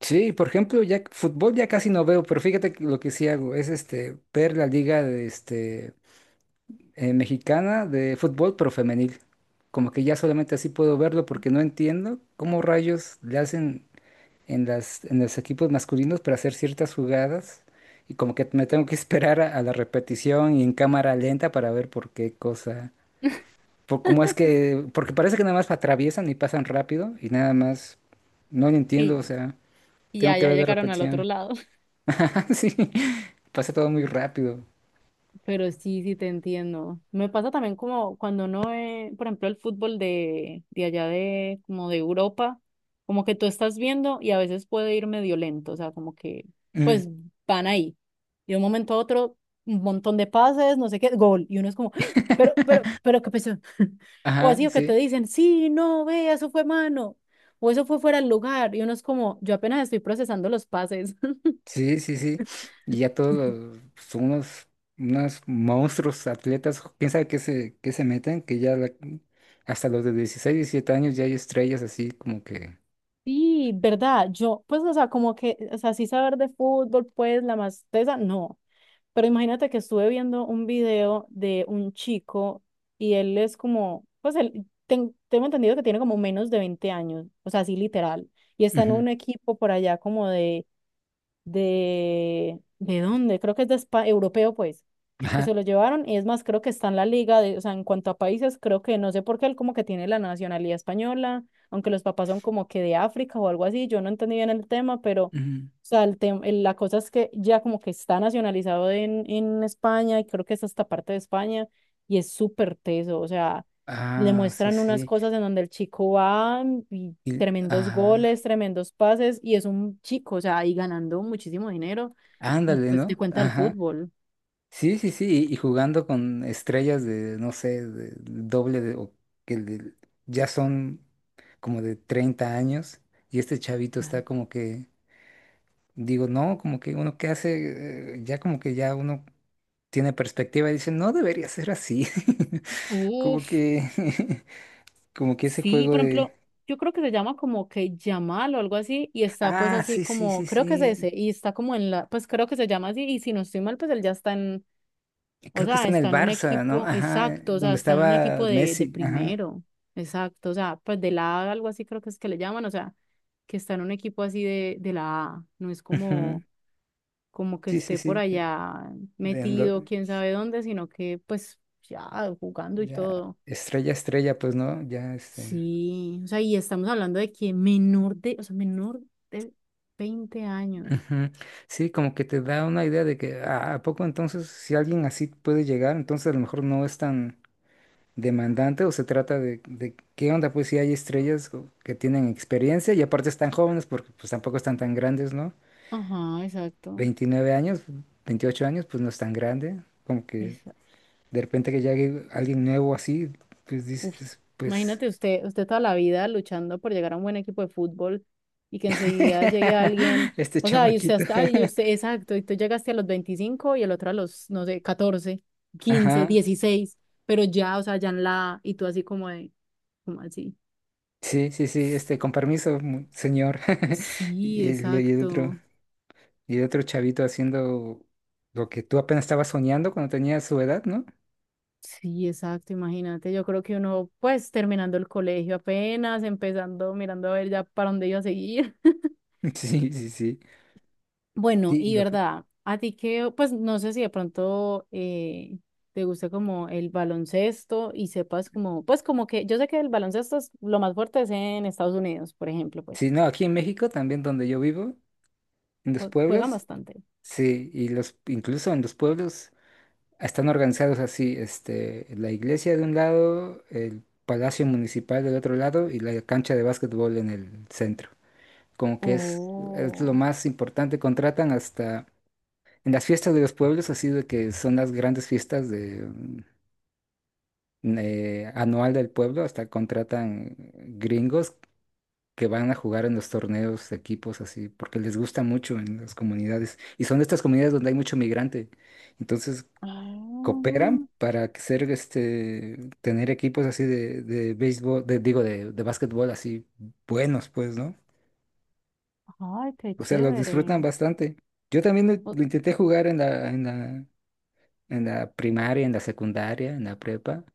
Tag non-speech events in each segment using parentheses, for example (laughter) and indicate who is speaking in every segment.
Speaker 1: Sí, por ejemplo, ya fútbol ya casi no veo, pero fíjate que lo que sí hago es ver la liga de mexicana de fútbol, pero femenil. Como que ya solamente así puedo verlo porque no entiendo cómo rayos le hacen en los equipos masculinos para hacer ciertas jugadas y como que me tengo que (laughs) esperar a la repetición y en cámara lenta para ver por qué cosa,
Speaker 2: (laughs)
Speaker 1: por cómo es que, porque parece que nada más atraviesan y pasan rápido y nada más no lo entiendo, o
Speaker 2: Y,
Speaker 1: sea,
Speaker 2: y,
Speaker 1: tengo
Speaker 2: ya,
Speaker 1: que
Speaker 2: ya
Speaker 1: ver la
Speaker 2: llegaron al
Speaker 1: repetición.
Speaker 2: otro lado.
Speaker 1: (laughs) Sí, pasa todo muy rápido.
Speaker 2: (laughs) Pero sí, sí te entiendo. Me pasa también como cuando no es, por ejemplo, el fútbol de allá, de, como de Europa, como que tú estás viendo y a veces puede ir medio lento, o sea, como que,
Speaker 1: Mm.
Speaker 2: pues van ahí. Y de un momento a otro, un montón de pases, no sé qué, gol. Y uno es como, ¡ah! Pero, ¿qué pasó? (laughs) O
Speaker 1: Ajá,
Speaker 2: así, o que te
Speaker 1: sí,
Speaker 2: dicen, sí, no, ve, eso fue mano. O eso fue fuera del lugar. Y uno es como, yo apenas estoy procesando los pases.
Speaker 1: sí, sí, sí. Y ya todos son unos monstruos atletas, quién sabe qué se meten, que ya la- hasta los de 16 17 años ya hay estrellas así como que...
Speaker 2: Sí, verdad, yo, pues, o sea, como que, o sea, sí saber de fútbol, pues, la más tesa, no, pero imagínate que estuve viendo un video de un chico y él es como, pues, él, tengo entendido que tiene como menos de 20 años, o sea, así literal, y está en
Speaker 1: Ujú.
Speaker 2: un equipo por allá como de, ¿de dónde? Creo que es de europeo, pues, que
Speaker 1: Ajá.
Speaker 2: se lo llevaron. Y es más, creo que está en la liga, de, o sea, en cuanto a países, creo que no sé por qué él como que tiene la nacionalidad española, aunque los papás son como que de África o algo así. Yo no entendí bien el tema, pero, o
Speaker 1: Ujú.
Speaker 2: sea, el la cosa es que ya como que está nacionalizado en España y creo que es hasta parte de España y es súper teso, o sea. Le
Speaker 1: Ah, sí,
Speaker 2: muestran unas
Speaker 1: sí.
Speaker 2: cosas en donde el chico va y
Speaker 1: Y-
Speaker 2: tremendos
Speaker 1: ajá.
Speaker 2: goles, tremendos pases y es un chico, o sea, ahí ganando muchísimo dinero y
Speaker 1: Ándale,
Speaker 2: pues te
Speaker 1: ¿no?
Speaker 2: cuenta el
Speaker 1: Ajá.
Speaker 2: fútbol.
Speaker 1: Sí, sí, sí, y jugando con estrellas de, no sé, de doble de, o que de- ya son como de 30 años, y este chavito está
Speaker 2: Claro.
Speaker 1: como que, digo, no, como que uno que hace, ya como que ya uno tiene perspectiva y dice, no debería ser así. (laughs) Como
Speaker 2: Uf,
Speaker 1: que, (laughs) como que ese
Speaker 2: sí,
Speaker 1: juego
Speaker 2: por
Speaker 1: de,
Speaker 2: ejemplo, yo creo que se llama como que Yamal o algo así, y está pues
Speaker 1: ah,
Speaker 2: así
Speaker 1: sí, sí,
Speaker 2: como,
Speaker 1: sí,
Speaker 2: creo que es
Speaker 1: sí,
Speaker 2: ese, y está como en la, pues creo que se llama así, y si no estoy mal, pues él ya está en, o
Speaker 1: creo que
Speaker 2: sea,
Speaker 1: está en el
Speaker 2: está en un
Speaker 1: Barça, ¿no?
Speaker 2: equipo,
Speaker 1: Ajá,
Speaker 2: exacto, o sea,
Speaker 1: donde
Speaker 2: está en un
Speaker 1: estaba
Speaker 2: equipo de
Speaker 1: Messi, ajá.
Speaker 2: primero, exacto, o sea, pues de la A, algo así creo que es que le llaman, o sea, que está en un equipo así de la A, no es
Speaker 1: Ujú.
Speaker 2: como como que
Speaker 1: Sí, sí,
Speaker 2: esté por
Speaker 1: sí,
Speaker 2: allá
Speaker 1: de-
Speaker 2: metido, quién sabe dónde, sino que pues ya jugando y
Speaker 1: ya,
Speaker 2: todo.
Speaker 1: estrella, estrella, pues, ¿no? Ya,
Speaker 2: Sí, o sea, y estamos hablando de que menor de, o sea, menor de 20 años.
Speaker 1: Ujú. Sí, como que te da una idea de que ah, a poco entonces, si alguien así puede llegar, entonces a lo mejor no es tan demandante o se trata de qué onda, pues si hay estrellas co- que tienen experiencia y aparte están jóvenes porque pues tampoco están tan grandes, ¿no?
Speaker 2: Ajá, exacto.
Speaker 1: 29 años, 28 años, pues no es tan grande, como que
Speaker 2: Esa-
Speaker 1: de repente que llegue alguien nuevo así, pues
Speaker 2: uf.
Speaker 1: dices, pues,
Speaker 2: Imagínate usted, usted toda la vida luchando por llegar a un buen equipo de fútbol y que enseguida llegue
Speaker 1: (laughs)
Speaker 2: alguien,
Speaker 1: este
Speaker 2: o sea, y usted
Speaker 1: chamaquito,
Speaker 2: hasta, y usted, exacto, y tú llegaste a los 25 y el otro a los, no sé, 14,
Speaker 1: (laughs)
Speaker 2: 15,
Speaker 1: ajá.
Speaker 2: 16, pero ya, o sea, ya en la, y tú así como de, ¿cómo así?
Speaker 1: Sí, sí, sí, con permiso, mu- señor. (laughs)
Speaker 2: Sí,
Speaker 1: Y el, y el otro,
Speaker 2: exacto.
Speaker 1: y el otro chavito haciendo lo que tú apenas estabas soñando cuando tenías su edad, ¿no?
Speaker 2: Sí, exacto, imagínate. Yo creo que uno, pues, terminando el colegio apenas, empezando, mirando a ver ya para dónde iba a seguir. (laughs)
Speaker 1: (laughs) Sí, sí, sí.
Speaker 2: Bueno,
Speaker 1: Sí, y
Speaker 2: y
Speaker 1: lo que-
Speaker 2: verdad, a ti que, pues, no sé si de pronto te gusta como el baloncesto y sepas como, pues, como que, yo sé que el baloncesto es lo más fuerte es en Estados Unidos, por ejemplo, pues,
Speaker 1: sí, no, aquí en México, también donde yo vivo, en los
Speaker 2: juegan
Speaker 1: pueblos,
Speaker 2: bastante.
Speaker 1: sí, y los, incluso en los pueblos están organizados así, la iglesia de un lado, el palacio municipal del otro lado y la cancha de básquetbol en el centro. Como que es lo
Speaker 2: Oh,
Speaker 1: más importante, contratan hasta en las fiestas de los pueblos, así de que son las grandes fiestas de, anual del pueblo, hasta contratan gringos que van a jugar en los torneos de equipos así, porque les gusta mucho en las comunidades. Y son estas comunidades donde hay mucho migrante. Entonces
Speaker 2: ah,
Speaker 1: cooperan para que ser tener equipos así de béisbol, de, digo, de básquetbol así buenos, pues, ¿no?
Speaker 2: ay, qué
Speaker 1: O sea, los disfrutan
Speaker 2: chévere.
Speaker 1: bastante. Yo también
Speaker 2: O-
Speaker 1: lo intenté jugar en la primaria, en la secundaria, en la prepa,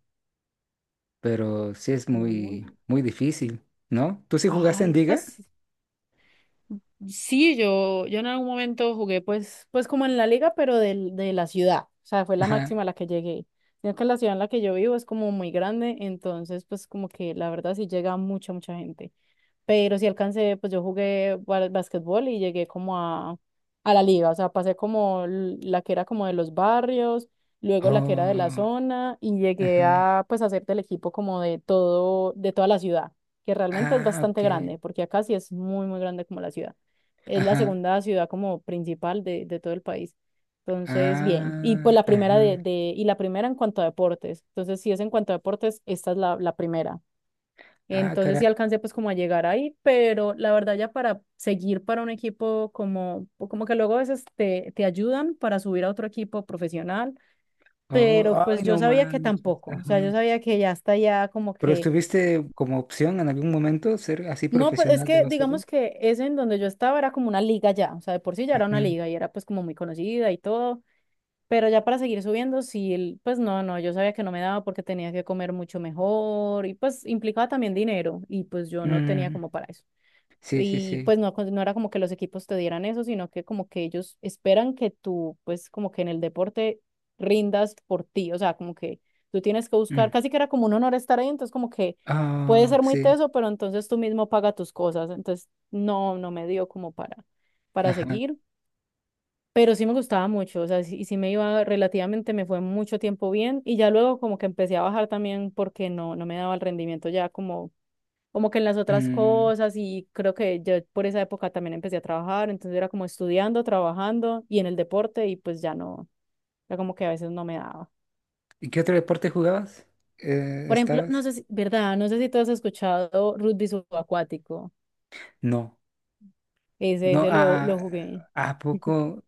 Speaker 1: pero sí es muy,
Speaker 2: uy,
Speaker 1: muy difícil, ¿no? ¿Tú sí jugaste en
Speaker 2: ay,
Speaker 1: Liga?
Speaker 2: pues sí, yo en algún momento jugué pues, pues como en la liga, pero del, de la ciudad. O sea, fue la
Speaker 1: Ajá.
Speaker 2: máxima a la que llegué. Sino que la ciudad en la que yo vivo es como muy grande, entonces pues como que la verdad sí llega mucha, mucha gente. Pero sí alcancé, pues yo jugué basquetbol y llegué como a la liga, o sea, pasé como la que era como de los barrios, luego la que era de la
Speaker 1: Oh,
Speaker 2: zona y llegué
Speaker 1: ajá.
Speaker 2: a pues hacer del equipo como de todo, de toda la ciudad, que realmente es
Speaker 1: Ah,
Speaker 2: bastante
Speaker 1: ok.
Speaker 2: grande, porque acá sí es muy, muy grande como la ciudad. Es la
Speaker 1: Ajá.
Speaker 2: segunda ciudad como principal de todo el país. Entonces, bien. Y pues
Speaker 1: Ah,
Speaker 2: la primera
Speaker 1: ajá.
Speaker 2: de, y la primera en cuanto a deportes. Entonces, si es en cuanto a deportes, esta es la, la primera.
Speaker 1: Ah,
Speaker 2: Entonces
Speaker 1: caray.
Speaker 2: sí alcancé pues como a llegar ahí, pero la verdad ya para seguir para un equipo como, o como que luego a veces te, te ayudan para subir a otro equipo profesional,
Speaker 1: Oh,
Speaker 2: pero
Speaker 1: ay,
Speaker 2: pues yo
Speaker 1: no
Speaker 2: sabía que
Speaker 1: manches.
Speaker 2: tampoco, o sea, yo
Speaker 1: Ajá.
Speaker 2: sabía que ya está ya como
Speaker 1: ¿Pero
Speaker 2: que,
Speaker 1: estuviste como opción en algún momento ser así
Speaker 2: no, pues es
Speaker 1: profesional de
Speaker 2: que
Speaker 1: básquetbol?
Speaker 2: digamos que ese en donde yo estaba era como una liga ya, o sea, de por sí ya era una
Speaker 1: Ujú.
Speaker 2: liga y era pues como muy conocida y todo, pero ya para seguir subiendo, sí, pues no, no, yo sabía que no me daba porque tenía que comer mucho mejor y pues implicaba también dinero y pues yo no tenía
Speaker 1: Mm.
Speaker 2: como para eso.
Speaker 1: Sí, sí,
Speaker 2: Y
Speaker 1: sí.
Speaker 2: pues no, no era como que los equipos te dieran eso, sino que como que ellos esperan que tú, pues como que en el deporte rindas por ti, o sea, como que tú tienes que buscar,
Speaker 1: Mm.
Speaker 2: casi que era como un honor estar ahí, entonces como que puede
Speaker 1: Ah,
Speaker 2: ser muy
Speaker 1: sí.
Speaker 2: teso, pero entonces tú mismo paga tus cosas, entonces no, no me dio como para
Speaker 1: Ajá.
Speaker 2: seguir, pero sí me gustaba mucho, o sea, sí, sí me iba relativamente, me fue mucho tiempo bien y ya luego como que empecé a bajar también porque no, no me daba el rendimiento ya como como que en las otras
Speaker 1: Mm.
Speaker 2: cosas y creo que yo por esa época también empecé a trabajar, entonces era como estudiando, trabajando y en el deporte y pues ya no, era como que a veces no me daba.
Speaker 1: ¿Y qué otro deporte jugabas?
Speaker 2: Por ejemplo, no
Speaker 1: ¿Estabas?
Speaker 2: sé si, ¿verdad? No sé si tú has escuchado rugby subacuático.
Speaker 1: No, no,
Speaker 2: Ese lo jugué.
Speaker 1: a
Speaker 2: (laughs)
Speaker 1: poco,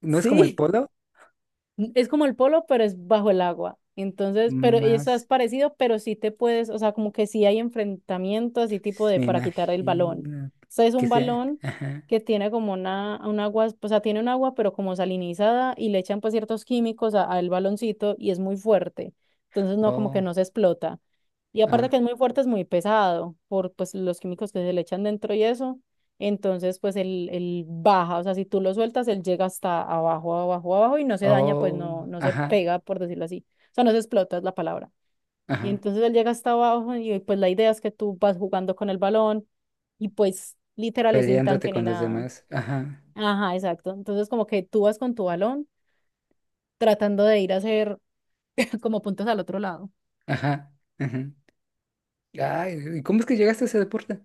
Speaker 1: no es como el
Speaker 2: Sí.
Speaker 1: polo,
Speaker 2: Es como el polo, pero es bajo el agua. Entonces, pero eso es
Speaker 1: más
Speaker 2: parecido, pero sí te puedes, o sea, como que sí hay enfrentamientos así tipo de
Speaker 1: me
Speaker 2: para quitar el balón.
Speaker 1: imagino
Speaker 2: O sea, es
Speaker 1: que
Speaker 2: un
Speaker 1: sea,
Speaker 2: balón
Speaker 1: ajá,
Speaker 2: que tiene como una, un agua, o sea, tiene un agua, pero como salinizada y le echan pues ciertos químicos al baloncito y es muy fuerte. Entonces, no, como que
Speaker 1: oh,
Speaker 2: no se explota. Y aparte
Speaker 1: ah,
Speaker 2: que es muy fuerte, es muy pesado por pues, los químicos que se le echan dentro y eso. Entonces, pues él baja, o sea, si tú lo sueltas, él llega hasta abajo, abajo, abajo y no se daña, pues no,
Speaker 1: oh,
Speaker 2: no se
Speaker 1: ajá,
Speaker 2: pega, por decirlo así. O sea, no se explota, es la palabra. Y
Speaker 1: ajá,
Speaker 2: entonces él llega hasta abajo y pues la idea es que tú vas jugando con el balón y pues literal es sin
Speaker 1: peleándote
Speaker 2: tanque ni
Speaker 1: con los
Speaker 2: nada.
Speaker 1: demás, ajá,
Speaker 2: Ajá, exacto. Entonces como que tú vas con tu balón tratando de ir a hacer (laughs) como puntos al otro lado.
Speaker 1: ajá, ajá. Ay, ¿y cómo es que llegaste a ese deporte?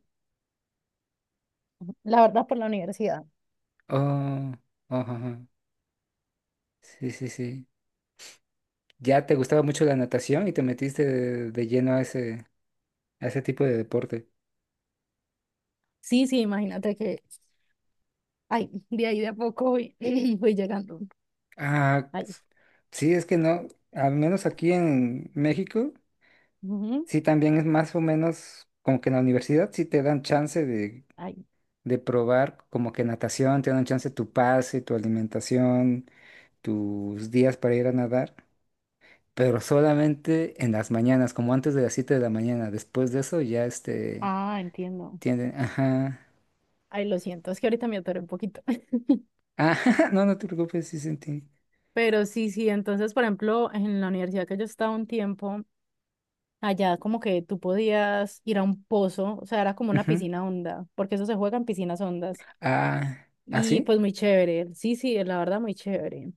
Speaker 2: La verdad, por la universidad.
Speaker 1: Oh, oh, ajá, sí, sí, sí. Ya te gustaba mucho la natación y te metiste de lleno a ese tipo de deporte.
Speaker 2: Sí, sí, imagínate que ay, (laughs) de ahí de a poco voy, (laughs) (clears throat) voy llegando.
Speaker 1: Ah,
Speaker 2: Ay,
Speaker 1: sí, es que no, al menos aquí en México,
Speaker 2: ujú,
Speaker 1: sí también es más o menos como que en la universidad sí te dan chance
Speaker 2: ay.
Speaker 1: de probar como que natación, te dan chance tu pase, tu alimentación, tus días para ir a nadar, pero solamente en las mañanas, como antes de las 7 de la mañana, después de eso ya
Speaker 2: Ah, entiendo.
Speaker 1: tienen, ajá,
Speaker 2: Ay, lo siento, es que ahorita me atoré un poquito. (laughs)
Speaker 1: ajá. (laughs) No, no te preocupes, sí sentí,
Speaker 2: Pero sí, sí, entonces, por ejemplo, en la universidad que yo estaba un tiempo, allá como que tú podías ir a un pozo, o sea, era como una
Speaker 1: ujú,
Speaker 2: piscina honda, porque eso se juega en piscinas hondas.
Speaker 1: ah,
Speaker 2: Y
Speaker 1: así,
Speaker 2: pues muy chévere, sí, sí, la verdad muy chévere.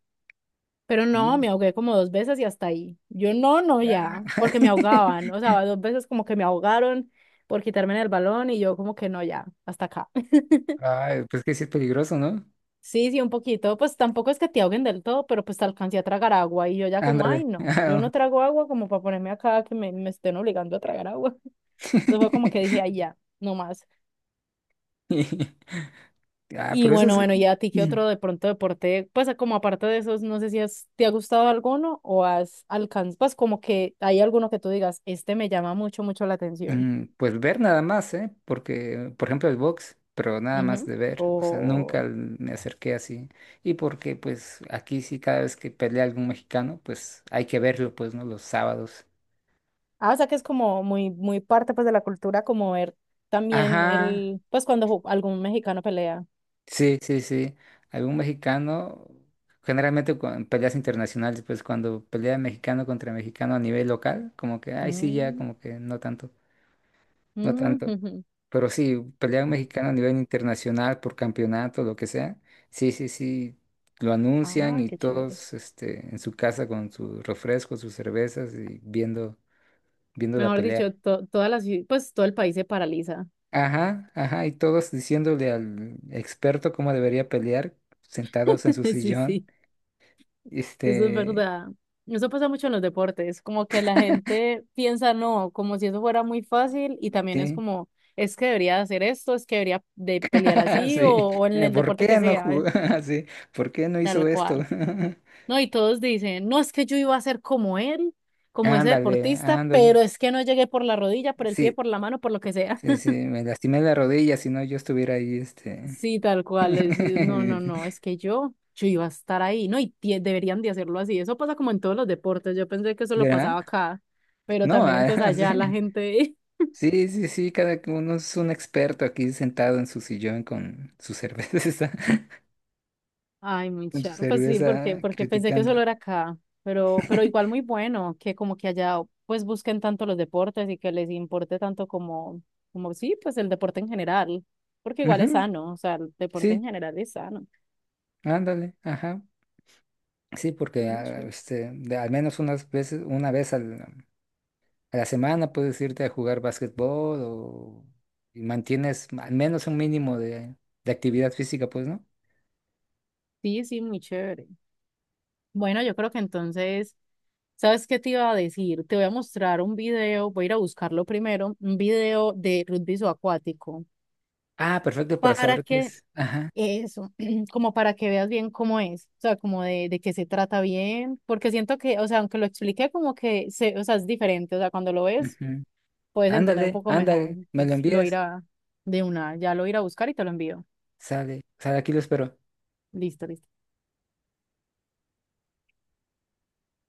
Speaker 2: Pero no,
Speaker 1: y,
Speaker 2: me ahogué como dos veces y hasta ahí. Yo no, no,
Speaker 1: ah.
Speaker 2: ya, porque me
Speaker 1: (laughs)
Speaker 2: ahogaban. O sea, dos veces como que me ahogaron por quitarme el balón y yo como que no, ya, hasta acá. (laughs)
Speaker 1: Ay, pues que sí es peligroso, ¿no?
Speaker 2: Sí, sí, un poquito. Pues tampoco es que te ahoguen del todo, pero pues te alcancé a tragar agua y yo ya como,
Speaker 1: Ándale.
Speaker 2: ay, no, yo no trago agua como para ponerme acá que me estén obligando a tragar agua. (laughs) Entonces fue como que dije,
Speaker 1: (laughs)
Speaker 2: ay, ya, no más.
Speaker 1: Ah,
Speaker 2: Y
Speaker 1: pero eso
Speaker 2: bueno,
Speaker 1: es,
Speaker 2: bueno, ¿y a ti qué otro de pronto deporte? Pues como aparte de esos, no sé si has, te ha gustado alguno o has alcanzado, pues como que hay alguno que tú digas, este me llama mucho, mucho la atención.
Speaker 1: mm, pues ver nada más, ¿eh? Porque, por ejemplo, el box, pero nada más
Speaker 2: Ujú.
Speaker 1: de ver, o sea, nunca
Speaker 2: O,
Speaker 1: l- me acerqué así. Y porque, pues, aquí sí, cada vez que pelea algún mexicano, pues hay que verlo, pues, ¿no? Los sábados.
Speaker 2: ah, o sea que es como muy, muy parte pues de la cultura, como ver también
Speaker 1: Ajá.
Speaker 2: el, pues cuando algún mexicano pelea.
Speaker 1: Sí, sí, sí. Algún mexicano, generalmente cu- en peleas internacionales, pues cuando pelea mexicano contra mexicano a nivel local, como que, ay, sí, ya,
Speaker 2: Mm,
Speaker 1: como que no tanto, no
Speaker 2: mm,
Speaker 1: tanto.
Speaker 2: ujú.
Speaker 1: Pero sí, pelea un mexicano a nivel internacional por campeonato, lo que sea. Sí, sí, sí. Lo anuncian
Speaker 2: Ay,
Speaker 1: y
Speaker 2: qué chévere.
Speaker 1: todos, en su casa con sus refrescos, sus cervezas y viendo, viendo la
Speaker 2: Mejor
Speaker 1: pelea.
Speaker 2: dicho, toda la, pues todo el país se paraliza.
Speaker 1: Ajá, ajá, y todos diciéndole al experto cómo debería pelear, sentados en su
Speaker 2: (laughs) Sí,
Speaker 1: sillón.
Speaker 2: sí. Eso es
Speaker 1: Este,
Speaker 2: verdad. Eso pasa mucho en los deportes, como que la gente piensa no, como si eso fuera muy fácil y también es
Speaker 1: sí,
Speaker 2: como, es que debería hacer esto, es que debería de pelear
Speaker 1: (laughs)
Speaker 2: así
Speaker 1: sí.
Speaker 2: o en el
Speaker 1: ¿Por
Speaker 2: deporte que
Speaker 1: qué no
Speaker 2: sea,
Speaker 1: jugó? (laughs) Sí, ¿por qué no hizo
Speaker 2: tal
Speaker 1: esto?
Speaker 2: cual.
Speaker 1: (laughs)
Speaker 2: No, y todos dicen, no, es que yo iba a ser como él, como ese
Speaker 1: Ándale,
Speaker 2: deportista,
Speaker 1: ándale.
Speaker 2: pero es que no llegué por la rodilla, por el pie,
Speaker 1: Sí,
Speaker 2: por la mano, por lo que sea.
Speaker 1: sí, sí, me lastimé la rodilla, si no yo estuviera ahí,
Speaker 2: Sí, tal cual. Es, no,
Speaker 1: (laughs)
Speaker 2: es que yo iba a estar ahí, ¿no? Y deberían de hacerlo así. Eso pasa como en todos los deportes. Yo pensé que eso lo
Speaker 1: ¿Verdad?
Speaker 2: pasaba acá, pero
Speaker 1: No,
Speaker 2: también
Speaker 1: ah,
Speaker 2: entonces
Speaker 1: (laughs) sí.
Speaker 2: allá la gente,
Speaker 1: Sí, sí, sí, cada uno es un experto aquí sentado en su sillón con su cerveza, (laughs)
Speaker 2: (laughs) ay, muy
Speaker 1: con su
Speaker 2: charro. Pues sí,
Speaker 1: cerveza
Speaker 2: porque pensé que
Speaker 1: criticando.
Speaker 2: solo era acá, pero igual
Speaker 1: (laughs)
Speaker 2: muy bueno que como que allá pues busquen tanto los deportes y que les importe tanto como, como sí, pues el deporte en general, porque igual es
Speaker 1: Ujú.
Speaker 2: sano, o sea, el deporte
Speaker 1: Sí,
Speaker 2: en general es sano.
Speaker 1: ándale, ajá. Sí, porque ah,
Speaker 2: Mucho.
Speaker 1: de- al menos unas veces, una vez al- a la semana puedes irte a jugar básquetbol o y mantienes al menos un mínimo de actividad física, pues, ¿no?
Speaker 2: Sí, sí, muy chévere. Bueno, yo creo que entonces. ¿Sabes qué te iba a decir? Te voy a mostrar un video, voy a ir a buscarlo primero, un video de rugby acuático
Speaker 1: Ah, perfecto, para
Speaker 2: para
Speaker 1: saber qué
Speaker 2: que
Speaker 1: es. Ajá.
Speaker 2: eso, (clears throat) como para que veas bien cómo es, o sea, como de qué se trata bien, porque siento que, o sea, aunque lo expliqué como que, se, o sea, es diferente, o sea, cuando lo ves
Speaker 1: Ujú.
Speaker 2: puedes entender un
Speaker 1: Ándale,
Speaker 2: poco mejor,
Speaker 1: ándale, me lo
Speaker 2: entonces lo
Speaker 1: envías.
Speaker 2: irá de una, ya lo iré a buscar y te lo envío.
Speaker 1: Sale, sale, aquí lo espero.
Speaker 2: Listo, listo.